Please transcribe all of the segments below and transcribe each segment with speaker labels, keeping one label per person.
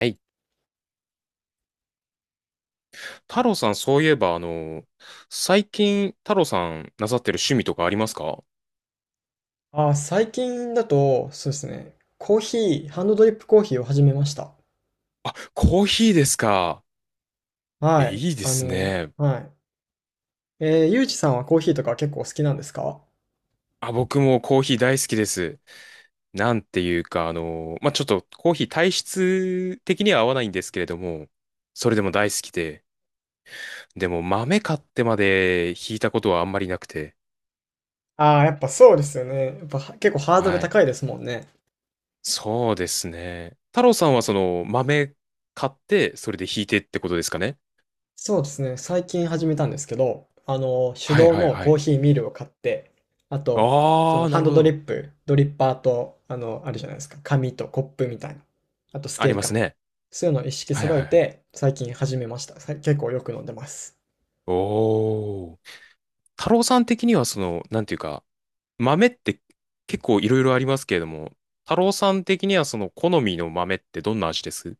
Speaker 1: はい。太郎さん、そういえば、最近、太郎さんなさってる趣味とかありますか？
Speaker 2: 最近だと、そうですね。コーヒー、ハンドドリップコーヒーを始めました。
Speaker 1: あ、コーヒーですか。え、
Speaker 2: はい。
Speaker 1: いいですね。
Speaker 2: はい。ゆうじさんはコーヒーとか結構好きなんですか？
Speaker 1: あ、僕もコーヒー大好きです。なんていうか、ちょっとコーヒー体質的には合わないんですけれども、それでも大好きで、でも豆買ってまで引いたことはあんまりなくて、
Speaker 2: ああー、やっぱそうですよね。やっぱは結構ハードル
Speaker 1: はい。
Speaker 2: 高いですもんね。
Speaker 1: そうですね。太郎さんはその豆買って、それで引いてってことですかね。
Speaker 2: そうですね。最近始めたんですけど、手
Speaker 1: はい
Speaker 2: 動
Speaker 1: はい
Speaker 2: の
Speaker 1: は
Speaker 2: コー
Speaker 1: い。
Speaker 2: ヒーミルを買って、あと、そ
Speaker 1: あ
Speaker 2: の
Speaker 1: あ、な
Speaker 2: ハン
Speaker 1: る
Speaker 2: ド
Speaker 1: ほ
Speaker 2: ドリ
Speaker 1: ど。
Speaker 2: ップ、ドリッパーと、あるじゃないですか。紙とコップみたいな。あとス
Speaker 1: あ
Speaker 2: ケー
Speaker 1: り
Speaker 2: ル
Speaker 1: ます
Speaker 2: か。
Speaker 1: ね。
Speaker 2: そういうのを一式
Speaker 1: はい
Speaker 2: 揃
Speaker 1: は
Speaker 2: え
Speaker 1: いはい。
Speaker 2: て、最近始めました。結構よく飲んでます。
Speaker 1: おー。太郎さん的にはその、なんていうか、豆って結構いろいろありますけれども、太郎さん的にはその好みの豆ってどんな味です？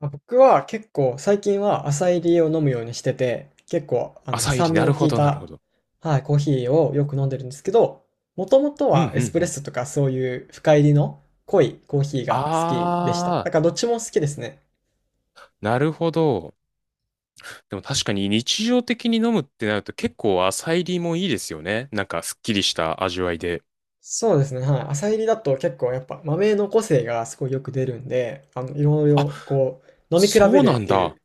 Speaker 2: あ、僕は結構最近は浅入りを飲むようにしてて、結構
Speaker 1: 浅煎り、
Speaker 2: 酸
Speaker 1: な
Speaker 2: 味
Speaker 1: る
Speaker 2: の効
Speaker 1: ほ
Speaker 2: い
Speaker 1: どなるほ
Speaker 2: た、
Speaker 1: ど。
Speaker 2: はい、コーヒーをよく飲んでるんですけど、もともと
Speaker 1: うんう
Speaker 2: は
Speaker 1: んう
Speaker 2: エスプレッ
Speaker 1: ん。
Speaker 2: ソとかそういう深入りの濃いコーヒーが好きでした。
Speaker 1: あ
Speaker 2: だからどっちも好きですね。
Speaker 1: ー、なるほど。でも確かに日常的に飲むってなると結構浅煎りもいいですよね。なんかすっきりした味わいで。
Speaker 2: そうですね、はい。浅煎りだと結構やっぱ豆の個性がすごいよく出るんで、いろい
Speaker 1: あ、
Speaker 2: ろこう飲み比
Speaker 1: そ
Speaker 2: べ
Speaker 1: うな
Speaker 2: るっ
Speaker 1: ん
Speaker 2: てい
Speaker 1: だ。
Speaker 2: う、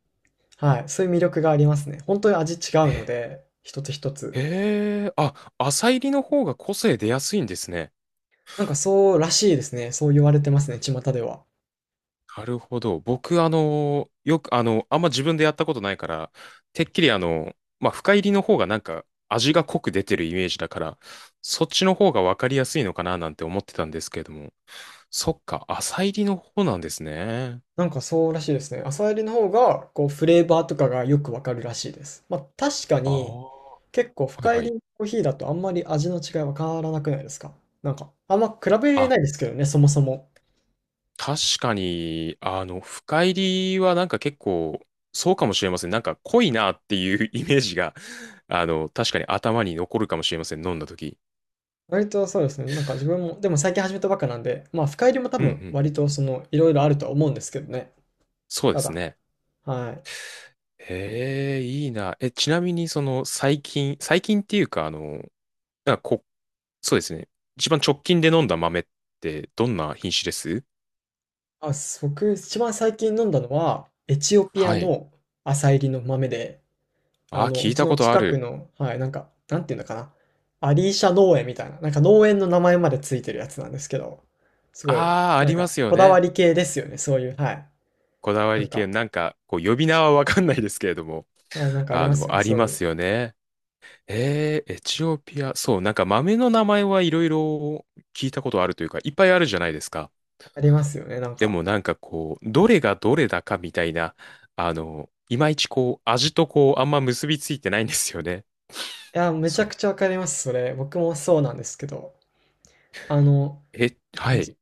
Speaker 2: はい、そういう魅力がありますね。本当に味違うの
Speaker 1: え、
Speaker 2: で、一つ一つ。
Speaker 1: へえ、あ、浅煎りの方が個性出やすいんですね。
Speaker 2: なんかそうらしいですね。そう言われてますね、巷では。
Speaker 1: なるほど。僕、あの、よく、あの、あんま自分でやったことないから、てっきり深入りの方がなんか味が濃く出てるイメージだから、そっちの方がわかりやすいのかななんて思ってたんですけれども、そっか、浅入りの方なんですね。
Speaker 2: なんかそうらしいですね。朝入りの方が、こう、フレーバーとかがよくわかるらしいです。まあ、確か
Speaker 1: あ
Speaker 2: に、
Speaker 1: あ、は
Speaker 2: 結構
Speaker 1: い
Speaker 2: 深入
Speaker 1: は
Speaker 2: り
Speaker 1: い。
Speaker 2: のコーヒーだとあんまり味の違いわからなくないですか？なんか、あんま比べ
Speaker 1: あ、
Speaker 2: ないですけどね、そもそも。
Speaker 1: 確かに、深入りはなんか結構、そうかもしれません。なんか濃いなっていうイメージが、あの、確かに頭に残るかもしれません。飲んだ時。
Speaker 2: 割とそうですね。なんか自分も、でも最近始めたばっかなんで、まあ、深入りも多
Speaker 1: うんう
Speaker 2: 分、
Speaker 1: んう
Speaker 2: 割
Speaker 1: ん。
Speaker 2: とその、いろいろあるとは思うんですけどね。
Speaker 1: そうで
Speaker 2: た
Speaker 1: す
Speaker 2: だ、
Speaker 1: ね。
Speaker 2: はい。
Speaker 1: ええ、いいな。え、ちなみに、その、最近っていうか、なんかこ、そうですね。一番直近で飲んだ豆って、どんな品種です？
Speaker 2: あ、僕、一番最近飲んだのは、エチオピア
Speaker 1: はい。
Speaker 2: の朝入りの豆で、
Speaker 1: あー、聞
Speaker 2: う
Speaker 1: い
Speaker 2: ち
Speaker 1: た
Speaker 2: の
Speaker 1: ことあ
Speaker 2: 近く
Speaker 1: る。
Speaker 2: の、はい、なんか、なんていうのかな。アリーシャ農園みたいな、なんか農園の名前までついてるやつなんですけど、すごい、
Speaker 1: ああ、あ
Speaker 2: な
Speaker 1: り
Speaker 2: ん
Speaker 1: ま
Speaker 2: か、
Speaker 1: すよ
Speaker 2: こだわ
Speaker 1: ね。
Speaker 2: り系ですよね、そういう、はい。
Speaker 1: こだわ
Speaker 2: な
Speaker 1: り
Speaker 2: ん
Speaker 1: 系。
Speaker 2: か、
Speaker 1: なんか、こう、呼び名はわかんないですけれども、
Speaker 2: はい、なんかあり
Speaker 1: あ
Speaker 2: ますよ
Speaker 1: の、
Speaker 2: ね、
Speaker 1: あり
Speaker 2: そう
Speaker 1: ま
Speaker 2: いう。
Speaker 1: すよね。えー、エチオピア。そう、なんか豆の名前はいろいろ聞いたことあるというか、いっぱいあるじゃないですか。
Speaker 2: ありますよね、なん
Speaker 1: でも
Speaker 2: か。
Speaker 1: なんかこう、どれがどれだかみたいな、あの、いまいちこう、味とこう、あんま結びついてないんですよね。
Speaker 2: いや、めち
Speaker 1: そ
Speaker 2: ゃく
Speaker 1: う。
Speaker 2: ちゃわかります、それ。僕もそうなんですけど、あの、
Speaker 1: え、はい。
Speaker 2: じ、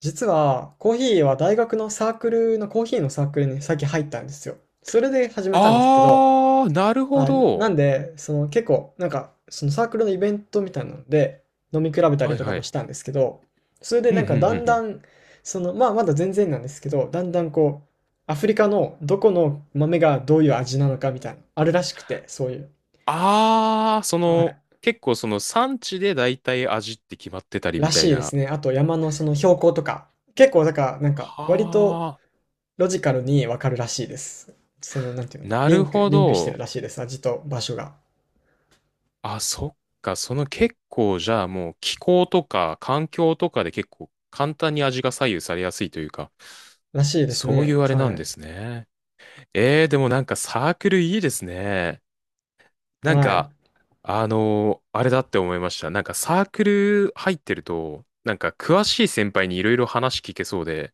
Speaker 2: 実は、コーヒーは大学のサークルの、コーヒーのサークルに最近入ったんですよ。それで始めたんですけど、
Speaker 1: あー、なるほ
Speaker 2: はい、なな
Speaker 1: ど。
Speaker 2: んで、その結構、なんか、そのサークルのイベントみたいなので、飲み比べた
Speaker 1: は
Speaker 2: り
Speaker 1: い
Speaker 2: とか
Speaker 1: は
Speaker 2: も
Speaker 1: い。
Speaker 2: したんですけど、それで
Speaker 1: うん、
Speaker 2: な
Speaker 1: う
Speaker 2: ん
Speaker 1: ん、うん、
Speaker 2: かだ
Speaker 1: う
Speaker 2: んだ
Speaker 1: ん。
Speaker 2: ん、その、まあまだ全然なんですけど、だんだんこう、アフリカのどこの豆がどういう味なのかみたいな、あるらしくて、そういう。
Speaker 1: あー、そ
Speaker 2: は
Speaker 1: の、
Speaker 2: い。
Speaker 1: 結構その産地で大体味って決まってたりみ
Speaker 2: ら
Speaker 1: たい
Speaker 2: しいで
Speaker 1: な。
Speaker 2: すね。あと山のその標高とか、結構だから、なんか、割と
Speaker 1: は
Speaker 2: ロジカルにわかるらしいです。その、なんていう
Speaker 1: ー、
Speaker 2: の、
Speaker 1: な
Speaker 2: リ
Speaker 1: る
Speaker 2: ンク、
Speaker 1: ほ
Speaker 2: リンクしてる
Speaker 1: ど。
Speaker 2: らしいです。味と場所が。
Speaker 1: あ、そっか。その結構じゃあもう気候とか環境とかで結構簡単に味が左右されやすいというか。
Speaker 2: らしいです
Speaker 1: そうい
Speaker 2: ね。
Speaker 1: うあれな
Speaker 2: は
Speaker 1: んで
Speaker 2: い。
Speaker 1: すね。えー、でもなんかサークルいいですね。なん
Speaker 2: は
Speaker 1: か、
Speaker 2: い。
Speaker 1: あのーあれだって思いました。なんかサークル入ってると、なんか詳しい先輩にいろいろ話聞けそうで、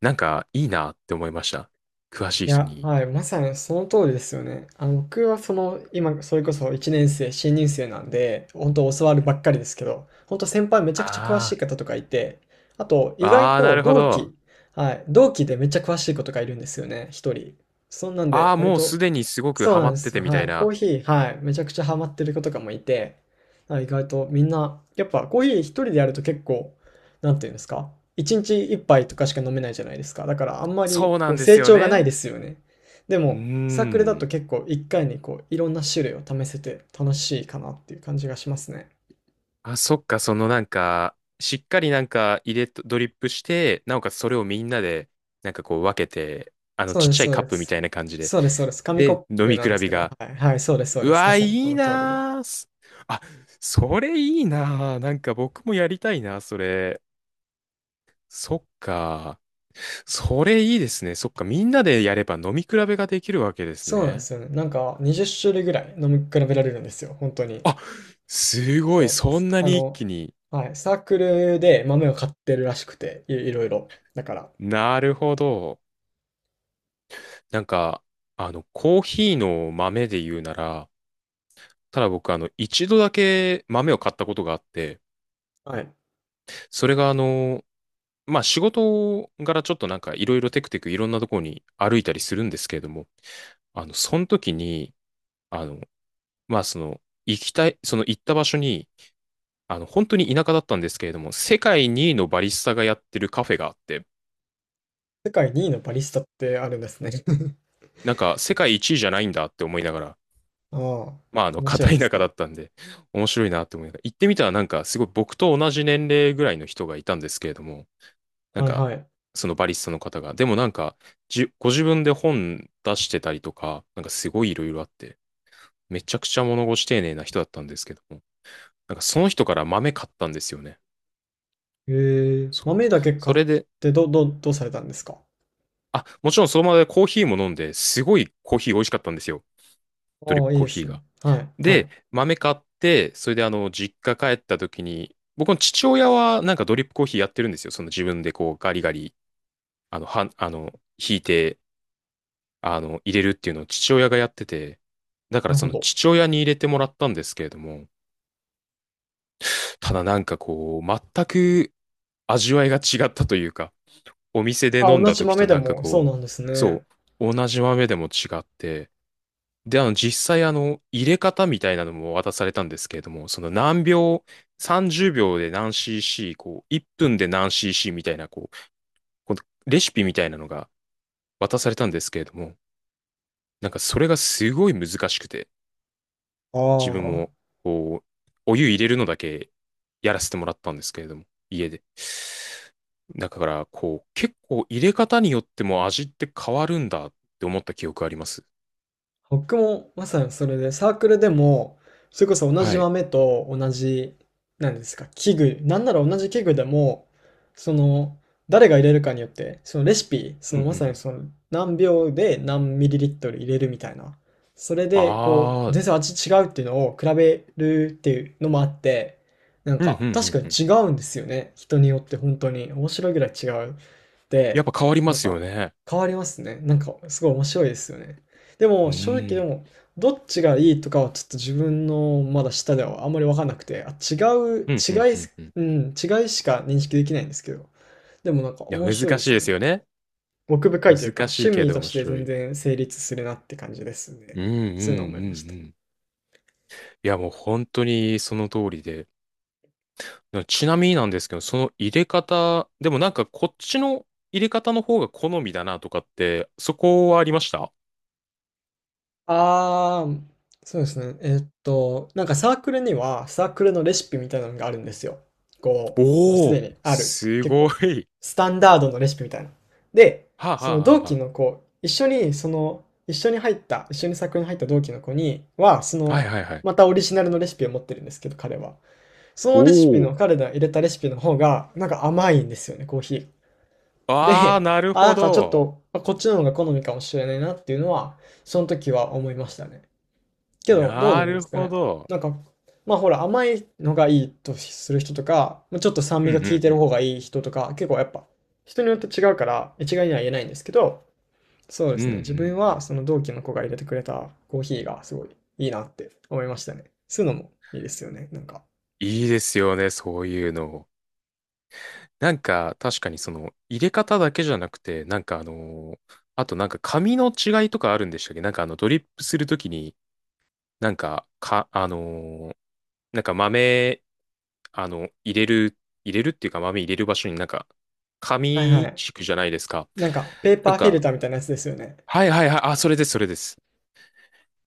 Speaker 1: なんかいいなって思いました。詳し
Speaker 2: い
Speaker 1: い人
Speaker 2: や、
Speaker 1: に。
Speaker 2: はい、まさにその通りですよね。僕はその、今、それこそ1年生、新入生なんで、本当教わるばっかりですけど、本当先輩めちゃくちゃ詳し
Speaker 1: あ
Speaker 2: い方とかいて、あと、
Speaker 1: あ、
Speaker 2: 意外
Speaker 1: ああ、な
Speaker 2: と
Speaker 1: るほ
Speaker 2: 同
Speaker 1: ど。
Speaker 2: 期、はい、同期でめっちゃ詳しい子とかいるんですよね、一人。そんなん
Speaker 1: あ
Speaker 2: で、
Speaker 1: あ、
Speaker 2: 割
Speaker 1: もうす
Speaker 2: と、
Speaker 1: でにすごく
Speaker 2: そう
Speaker 1: ハ
Speaker 2: な
Speaker 1: マ
Speaker 2: んで
Speaker 1: って
Speaker 2: す
Speaker 1: て
Speaker 2: よ。
Speaker 1: みた
Speaker 2: は
Speaker 1: い
Speaker 2: い、コー
Speaker 1: な。
Speaker 2: ヒー、はい、めちゃくちゃハマってる子とかもいて、はい、意外とみんな、やっぱコーヒー一人でやると結構、なんていうんですか？一日一杯とかしか飲めないじゃないですか。だからあんまり
Speaker 1: そうな
Speaker 2: こ
Speaker 1: ん
Speaker 2: う
Speaker 1: で
Speaker 2: 成
Speaker 1: すよ
Speaker 2: 長がない
Speaker 1: ね。
Speaker 2: ですよね。で
Speaker 1: うー
Speaker 2: も、サークルだと
Speaker 1: ん。
Speaker 2: 結構一回にこういろんな種類を試せて楽しいかなっていう感じがしますね。
Speaker 1: あ、そっか、そのなんか、しっかりなんか入れと、ドリップして、なおかつそれをみんなで、なんかこう分けて、あの、
Speaker 2: そう
Speaker 1: ちっ
Speaker 2: で
Speaker 1: ち
Speaker 2: す
Speaker 1: ゃい
Speaker 2: そう
Speaker 1: カッ
Speaker 2: で
Speaker 1: プみた
Speaker 2: す。
Speaker 1: いな感じで。
Speaker 2: そうですそうです。紙コ
Speaker 1: で、
Speaker 2: ッ
Speaker 1: 飲
Speaker 2: プ
Speaker 1: み
Speaker 2: な
Speaker 1: 比
Speaker 2: んです
Speaker 1: べ
Speaker 2: けど、は
Speaker 1: が、
Speaker 2: い、はい、そうですそう
Speaker 1: う
Speaker 2: です。ま
Speaker 1: わ、い
Speaker 2: さにそ
Speaker 1: い
Speaker 2: の通りで。
Speaker 1: なーす。あ、それいいなー。なんか僕もやりたいな、それ。そっか。それいいですね。そっか、みんなでやれば飲み比べができるわけです
Speaker 2: そうなんで
Speaker 1: ね。
Speaker 2: すよね。なんか20種類ぐらい飲み比べられるんですよ、本当に。
Speaker 1: あ、すご
Speaker 2: そ
Speaker 1: い、
Speaker 2: う。
Speaker 1: そんな
Speaker 2: あ
Speaker 1: に一気
Speaker 2: の、
Speaker 1: に。
Speaker 2: はい、サークルで豆を買ってるらしくて、いろいろだから、
Speaker 1: なるほど。なんか、コーヒーの豆で言うなら、ただ僕、あの、一度だけ豆を買ったことがあって、
Speaker 2: はい。
Speaker 1: それがあの、まあ、仕事柄ちょっとなんかいろいろテクテクいろんなところに歩いたりするんですけれども、その時に、あの、まあ、その、行きたい、その行った場所に、あの、本当に田舎だったんですけれども、世界2位のバリスタがやってるカフェがあって、
Speaker 2: 世界2位のバリスタってあるんですね。
Speaker 1: なんか世界1位じゃないんだって思いながら、
Speaker 2: ああ、面白
Speaker 1: 片
Speaker 2: い
Speaker 1: 田
Speaker 2: です
Speaker 1: 舎だ
Speaker 2: ね。
Speaker 1: ったんで、面白いなって思いながら、行ってみたらなんか、すごい僕と同じ年齢ぐらいの人がいたんですけれども、なん
Speaker 2: はい
Speaker 1: か、
Speaker 2: はい。
Speaker 1: そのバリスタの方が、でもなんか、ご自分で本出してたりとか、なんかすごいいろいろあって、めちゃくちゃ物腰丁寧な人だったんですけども、なんかその人から豆買ったんですよね。
Speaker 2: へえ、
Speaker 1: そ
Speaker 2: 豆
Speaker 1: う。
Speaker 2: だけ
Speaker 1: そ
Speaker 2: 買っ
Speaker 1: れで、
Speaker 2: てどうされたんですか？
Speaker 1: あ、もちろんその場でコーヒーも飲んで、すごいコーヒー美味しかったんですよ。ドリッ
Speaker 2: ああ、
Speaker 1: プ
Speaker 2: いい
Speaker 1: コー
Speaker 2: で
Speaker 1: ヒ
Speaker 2: す
Speaker 1: ー
Speaker 2: ね。
Speaker 1: が。
Speaker 2: はい、は
Speaker 1: で、
Speaker 2: い。
Speaker 1: 豆買って、それであの、実家帰った時に、僕の父親はなんかドリップコーヒーやってるんですよ。その自分でこうガリガリ、あの、はん、あの、引いて、あの、入れるっていうのを父親がやってて、だか
Speaker 2: な
Speaker 1: ら
Speaker 2: る
Speaker 1: そ
Speaker 2: ほ
Speaker 1: の
Speaker 2: ど。
Speaker 1: 父親に入れてもらったんですけれども、ただなんかこう、全く味わいが違ったというか、お店で
Speaker 2: あ、
Speaker 1: 飲ん
Speaker 2: 同
Speaker 1: だ
Speaker 2: じ
Speaker 1: 時
Speaker 2: 豆
Speaker 1: と
Speaker 2: で
Speaker 1: なんか
Speaker 2: も、そう
Speaker 1: こ
Speaker 2: な
Speaker 1: う、
Speaker 2: んです
Speaker 1: そ
Speaker 2: ね。
Speaker 1: う、同じ豆でも違って、で、あの、実際、あの、入れ方みたいなのも渡されたんですけれども、その何秒、30秒で何 cc、こう、1分で何 cc みたいな、こう、このレシピみたいなのが渡されたんですけれども、なんかそれがすごい難しくて、
Speaker 2: あ
Speaker 1: 自分
Speaker 2: あ。
Speaker 1: も、こう、お湯入れるのだけやらせてもらったんですけれども、家で。だから、こう、結構入れ方によっても味って変わるんだって思った記憶あります。
Speaker 2: 僕もまさにそれで、サークルでも、それこそ同
Speaker 1: は
Speaker 2: じ
Speaker 1: い。
Speaker 2: 豆と同じ、なんですか、器具、なんなら同じ器具でも、その、誰が入れるかによって、そのレシピ、そ
Speaker 1: うんうん
Speaker 2: の
Speaker 1: う
Speaker 2: まさに
Speaker 1: ん。
Speaker 2: その何秒で何ミリリットル入れるみたいな。それで、こ
Speaker 1: あ
Speaker 2: う、
Speaker 1: あ、
Speaker 2: 全然味違うっていうのを比べるっていうのもあって、なん
Speaker 1: うん
Speaker 2: か、
Speaker 1: うんう
Speaker 2: 確か
Speaker 1: ん
Speaker 2: に
Speaker 1: うん。
Speaker 2: 違うんですよね。人によって本当に。面白いぐらい違う。
Speaker 1: やっ
Speaker 2: で、
Speaker 1: ぱ変わりま
Speaker 2: なん
Speaker 1: すよ
Speaker 2: か、
Speaker 1: ね。
Speaker 2: 変わりますね。なんか、すごい面白いですよね。で
Speaker 1: う
Speaker 2: も正直、で
Speaker 1: ん。
Speaker 2: もどっちがいいとかはちょっと自分のまだ下ではあんまり分かんなくて、あ、違う、
Speaker 1: うん、うん、うん、うん。い
Speaker 2: うん、違いしか認識できないんですけど、でもなんか
Speaker 1: や、
Speaker 2: 面
Speaker 1: 難
Speaker 2: 白いで
Speaker 1: しい
Speaker 2: す
Speaker 1: で
Speaker 2: ね。
Speaker 1: すよね。
Speaker 2: 奥深いというか、
Speaker 1: 難し
Speaker 2: 趣
Speaker 1: いけ
Speaker 2: 味
Speaker 1: ど
Speaker 2: と
Speaker 1: 面
Speaker 2: して
Speaker 1: 白
Speaker 2: 全
Speaker 1: い。
Speaker 2: 然成立するなって感じです
Speaker 1: うん、
Speaker 2: ね。
Speaker 1: うん、うん、
Speaker 2: そういうのを思いました。
Speaker 1: うん。いや、もう本当にその通りで。ちなみになんですけど、その入れ方、でもなんかこっちの入れ方の方が好みだなとかって、そこはありました？
Speaker 2: あー、そうですね。なんかサークルには、サークルのレシピみたいなのがあるんですよ。こう、もうす
Speaker 1: おお
Speaker 2: で
Speaker 1: ー、
Speaker 2: にある、
Speaker 1: す
Speaker 2: 結
Speaker 1: ご
Speaker 2: 構、
Speaker 1: い。
Speaker 2: スタンダードのレシピみたいな。で、
Speaker 1: はあ、
Speaker 2: その
Speaker 1: は
Speaker 2: 同
Speaker 1: あ
Speaker 2: 期
Speaker 1: は
Speaker 2: の子、一緒に、その、一緒に入った、一緒にサークルに入った同期の子には、そ
Speaker 1: あ、はい
Speaker 2: の、
Speaker 1: はいはい。
Speaker 2: またオリジナルのレシピを持ってるんですけど、彼は。そ
Speaker 1: お
Speaker 2: のレシピ
Speaker 1: お、
Speaker 2: の、彼が入れたレシピの方が、なんか甘いんですよね、コーヒー。
Speaker 1: ああ、
Speaker 2: で、
Speaker 1: なる
Speaker 2: あ、
Speaker 1: ほ
Speaker 2: なんかちょっ
Speaker 1: ど。
Speaker 2: と、あ、こっちの方が好みかもしれないなっていうのは、その時は思いましたね。けど、どうな
Speaker 1: な
Speaker 2: んで
Speaker 1: る
Speaker 2: すか
Speaker 1: ほ
Speaker 2: ね。
Speaker 1: ど。
Speaker 2: なんか、まあほら、甘いのがいいとする人とか、まあちょっと酸
Speaker 1: う
Speaker 2: 味
Speaker 1: んう
Speaker 2: が効い
Speaker 1: ん
Speaker 2: て
Speaker 1: う
Speaker 2: る
Speaker 1: ん。
Speaker 2: 方がいい人とか、結構やっぱ、人によって違うから、一概には言えないんですけど、そうで
Speaker 1: うんう
Speaker 2: す
Speaker 1: んう
Speaker 2: ね。自分は
Speaker 1: ん。
Speaker 2: その同期の子が入れてくれたコーヒーがすごいいいなって思いましたね。そういうのもいいですよね。なんか。
Speaker 1: いいですよね、そういうの。なんか、確かにその、入れ方だけじゃなくて、なんかあのーあとなんか紙の違いとかあるんでしたっけ？なんかあの、ドリップするときに、なんか、か、あのーなんか豆、あの、入れる、入れるっていうか豆入れる場所になんか、
Speaker 2: はいは
Speaker 1: 紙
Speaker 2: い。
Speaker 1: 敷くじゃないですか。
Speaker 2: なんか、ペー
Speaker 1: な
Speaker 2: パ
Speaker 1: ん
Speaker 2: ーフィル
Speaker 1: か、
Speaker 2: ターみたいなやつですよね。
Speaker 1: はいはいはい、あ、それです、それです。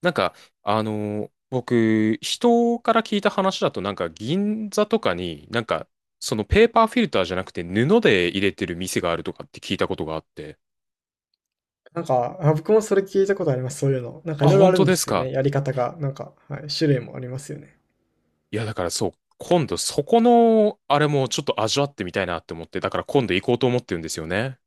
Speaker 1: なんか、あの、僕、人から聞いた話だと、なんか銀座とかに、なんか、そのペーパーフィルターじゃなくて布で入れてる店があるとかって聞いたことがあって、
Speaker 2: なんか、あ、僕もそれ聞いたことあります。そういうの。なんか
Speaker 1: あ、
Speaker 2: いろいろあ
Speaker 1: 本
Speaker 2: る
Speaker 1: 当
Speaker 2: んで
Speaker 1: です
Speaker 2: すよね。
Speaker 1: か。
Speaker 2: やり方が。なんか、はい、種類もありますよね。
Speaker 1: いや、だからそう、今度そこの、あれもちょっと味わってみたいなって思って、だから今度行こうと思ってるんですよね。